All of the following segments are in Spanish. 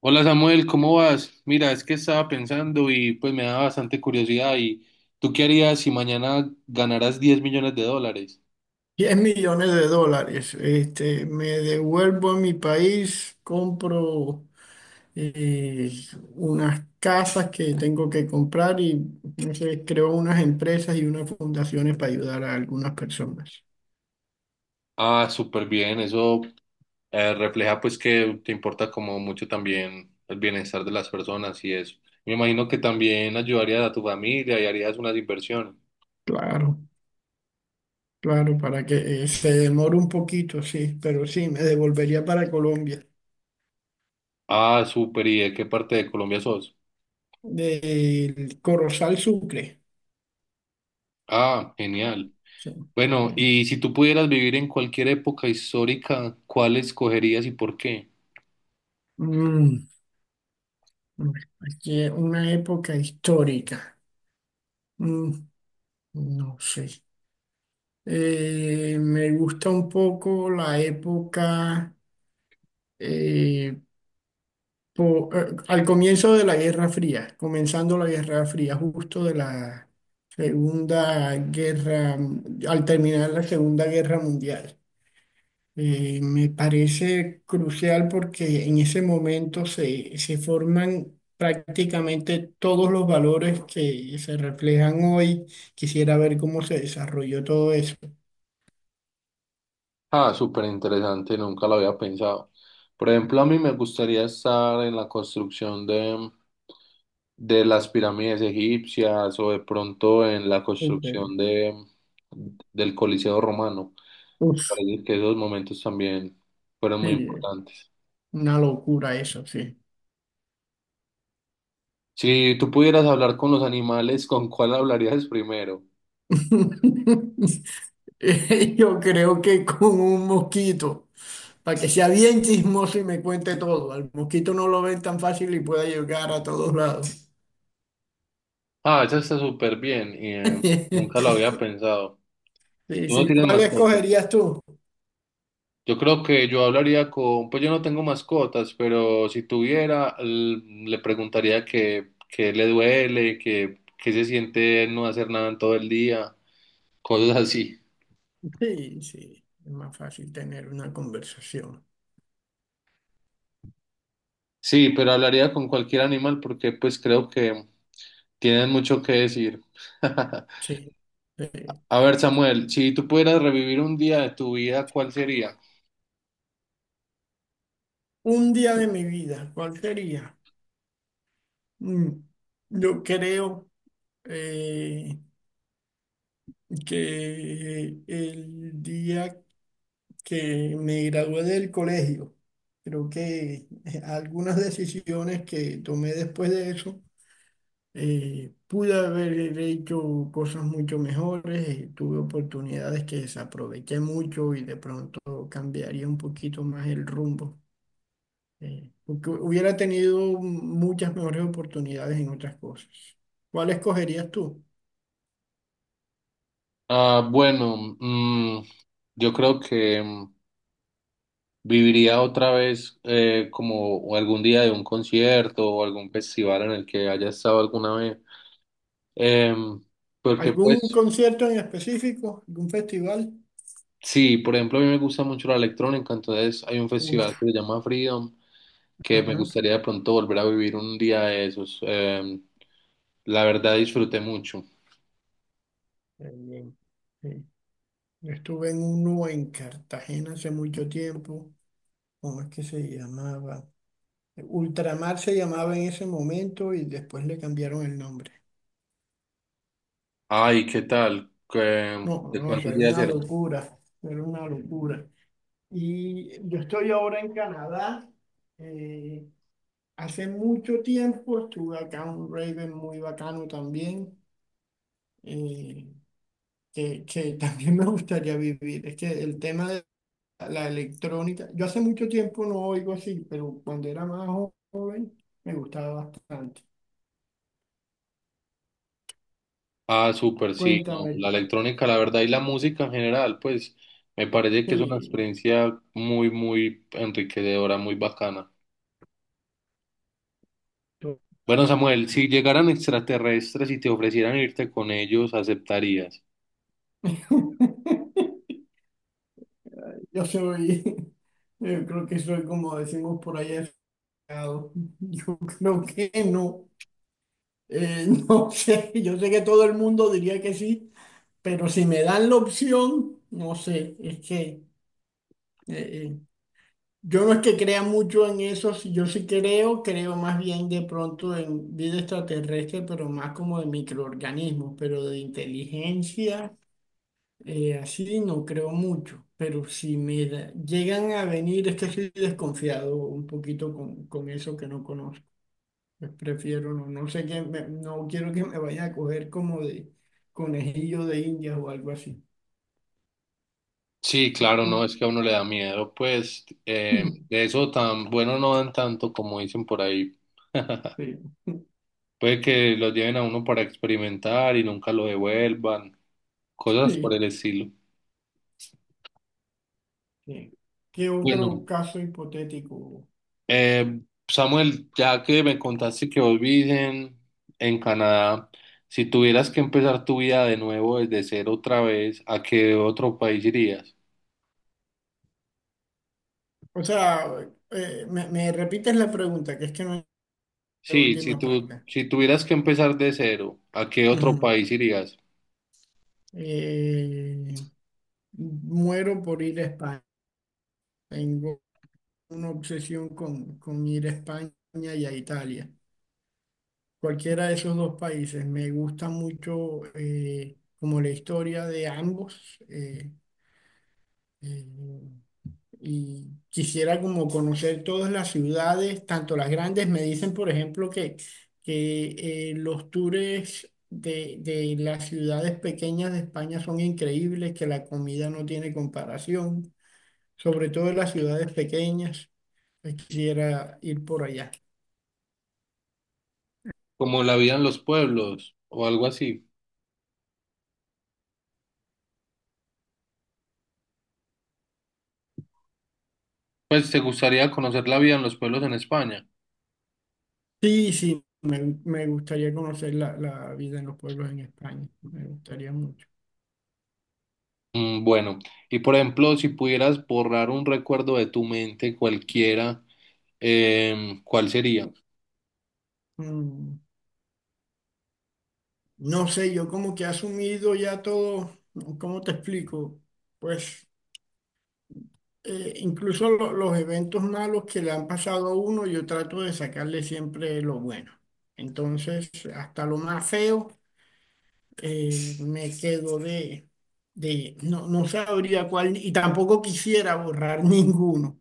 Hola Samuel, ¿cómo vas? Mira, es que estaba pensando y pues me da bastante curiosidad. ¿Y tú qué harías si mañana ganaras $10 millones? 10 millones de dólares. Me devuelvo a mi país, compro eh, unas casas que tengo que comprar y no sé, creo unas empresas y unas fundaciones para ayudar a algunas personas. Ah, súper bien, eso refleja pues que te importa como mucho también el bienestar de las personas y eso. Me imagino que también ayudarías a tu familia y harías unas inversiones. Claro, claro, para que se demore un poquito, sí, pero sí, me devolvería para Colombia. Ah, súper, ¿y de qué parte de Colombia sos? Del Corozal Sucre. Ah, genial. Sí, Bueno, sí. y si tú pudieras vivir en cualquier época histórica, ¿cuál escogerías y por qué? Mm, aquí es una época histórica. Mm, no sé. Me gusta un poco la época eh, al comienzo de la Guerra Fría, comenzando la Guerra Fría, justo de la Segunda Guerra, al terminar la Segunda Guerra Mundial. Me parece crucial porque en ese momento se forman prácticamente todos los valores que se reflejan hoy. Quisiera ver cómo se desarrolló todo eso. Ah, súper interesante, nunca lo había pensado. Por ejemplo, a mí me gustaría estar en la construcción de las pirámides egipcias o de pronto en la Ok. construcción del Coliseo romano. Uf, Parece que esos momentos también fueron muy sí, importantes. una locura eso, sí. Si tú pudieras hablar con los animales, ¿con cuál hablarías primero? Yo creo que con un mosquito, para que sea bien chismoso y me cuente todo. Al mosquito no lo ven tan fácil y pueda llegar a todos lados. Ah, eso está súper bien y nunca lo había pensado. Sí, ¿Tú no sí. tienes ¿Cuál mascota? escogerías tú? Yo creo que yo hablaría con, pues yo no tengo mascotas, pero si tuviera, le preguntaría que le duele, que se siente no hacer nada en todo el día, cosas así. Sí, sí. Es más fácil tener una conversación. Sí, pero hablaría con cualquier animal porque pues creo que tienen mucho que decir. Sí, sí. A ver, Samuel, si tú pudieras revivir un día de tu vida, ¿cuál sería? Un día de mi vida, ¿cuál sería? Mm, Yo creo eh, que el día que me gradué del colegio. Creo que algunas decisiones que tomé después de eso, pude haber hecho cosas mucho mejores, tuve oportunidades que desaproveché mucho y de pronto cambiaría un poquito más el rumbo, porque hubiera tenido muchas mejores oportunidades en otras cosas. ¿Cuál escogerías tú? Ah, bueno, mm, yo creo que ¿viviría otra vez como o algún día de un concierto o algún festival en el que haya estado alguna vez? Em, Porque ¿Algún pues concierto en específico? ¿Algún festival? sí, por ejemplo, a mí me gusta mucho la electrónica, entonces hay un festival Uf, que se llama Freedom, que me ajá, gustaría de pronto volver a vivir un día de esos. La verdad disfruté mucho. qué bien. Sí. Yo estuve en uno en Cartagena hace mucho tiempo. ¿Cómo es que se llamaba? Ultramar se llamaba en ese momento y después le cambiaron el nombre. Ay, ¿qué tal? ¿Qué- No, ¿De no, eso cuántos era días una eran? locura. Era una locura. Y yo estoy ahora en Canadá. eh, hace mucho tiempo estuve acá en un Raven muy bacano también, eh, que también me gustaría vivir. Es que el tema la electrónica. Yo hace mucho tiempo no oigo así, pero cuando era más joven me gustaba bastante. Ah, súper, sí, no, Cuéntame, la electrónica, la verdad, y la música en general, pues me parece que es una sí, experiencia muy, muy enriquecedora, muy bacana. tú- Bueno, Samuel, si llegaran extraterrestres y te ofrecieran irte con ellos, ¿aceptarías? yo soy, yo creo que soy como decimos por allá, aficionado. Yo creo que no. No sé, yo sé que todo el mundo diría que sí, pero si me dan la opción, no sé, es que eh, eh, yo no es que crea mucho en eso, yo sí creo, creo más bien de pronto en vida extraterrestre, pero más como de microorganismos, pero de inteligencia, así no creo mucho. Pero si llegan a venir, es que estoy desconfiado un poquito con eso que no conozco. Pues prefiero no, no sé qué, no quiero que me vaya a coger como de conejillo de indias o algo así. Sí, claro, no, ¿Tú? es que a uno le da miedo, pues de eso tan bueno no dan tanto como dicen por ahí. Sí, Puede que lo lleven a uno para experimentar y nunca lo devuelvan, cosas por sí, el estilo. sí. ¿Qué Bueno. otro caso hipotético? Eh, Samuel, ya que me contaste que vos vivís en Canadá, si tuvieras que empezar tu vida de nuevo desde cero otra vez, ¿a qué otro país irías? O sea, me repites la pregunta, que es que no es la Sí, si última tú, parte. si tuvieras que empezar de cero, ¿a qué otro Ujú. país irías? Eh, muero por ir a España. Tengo una obsesión con ir a España y a Italia. Cualquiera de esos dos países. Me gusta mucho como la historia de ambos. Eh, y quisiera como conocer todas las ciudades, tanto las grandes. Me dicen, por ejemplo, que los tours de las ciudades pequeñas de España son increíbles, que la comida no tiene comparación, sobre todo en las ciudades pequeñas. Pues quisiera ir por allá. Como la vida en los pueblos o algo así. Pues te gustaría conocer la vida en los pueblos en España. Sí, sí, me gustaría conocer la vida en los pueblos en España. Me gustaría mucho. Mm, bueno, y por ejemplo, si pudieras borrar un recuerdo de tu mente cualquiera, ¿cuál sería? Mm, No sé, yo como que he asumido ya todo, ¿no? ¿Cómo te explico? Pues incluso los eventos malos que le han pasado a uno, yo trato de sacarle siempre lo bueno. Entonces, hasta lo más feo, me quedo no, no sabría cuál, y tampoco quisiera borrar ninguno.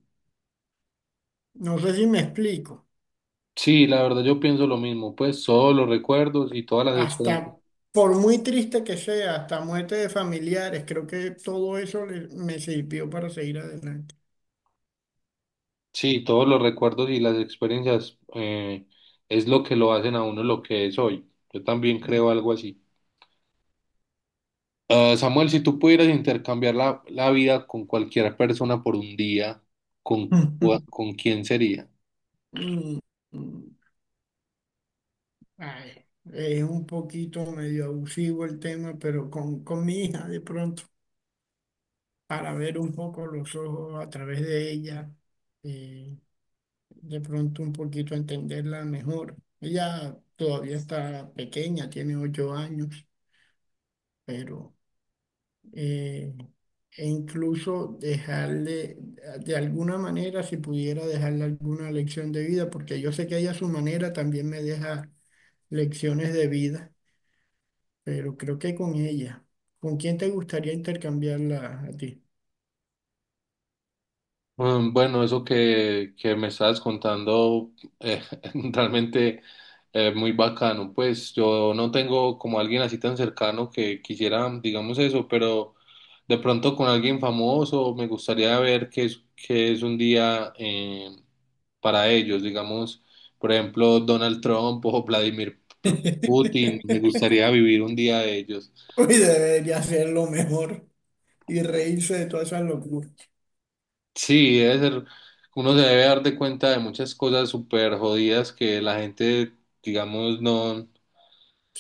No sé si me explico. Sí, la verdad yo pienso lo mismo, pues todos los recuerdos y todas las experiencias, Hasta, por muy triste que sea, hasta muerte de familiares, creo que todo eso me sirvió para seguir adelante. sí, todos los recuerdos y las experiencias es lo que lo hacen a uno lo que es hoy. Yo también creo algo así. Ah, Samuel, si tú pudieras intercambiar la vida con cualquier persona por un día, ¿con quién sería? Mm. Ay, es un poquito medio abusivo el tema, pero con mi hija de pronto, para ver un poco los ojos a través de ella, eh, de pronto un poquito entenderla mejor. Ella todavía está pequeña, tiene 8 años, pero eh, e incluso dejarle, de alguna manera, si pudiera dejarle alguna lección de vida, porque yo sé que ella a su manera también me deja lecciones de vida, pero creo que con ella. ¿Con quién te gustaría intercambiarla a ti? Mm, bueno, eso que me estabas contando eh, realmente muy bacano. Pues yo no tengo como alguien así tan cercano que quisiera, digamos eso, pero de pronto con alguien famoso me gustaría ver qué es un día para ellos, digamos, por ejemplo, Donald Trump o Vladimir Putin. Me gustaría vivir un día de ellos. Uy, debería ser lo mejor y reírse de todas esas locuras. Sí, debe ser, uno se debe dar de cuenta de muchas cosas súper jodidas que la gente, digamos, no,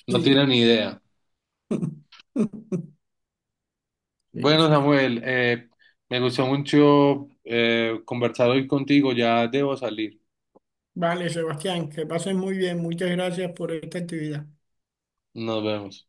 no Sí. tiene ni idea. Sí, Bueno, sí. Samuel, me gustó mucho conversar hoy contigo, ya debo salir. Vale, Sebastián, que pases muy bien. Muchas gracias por esta actividad. Nos vemos.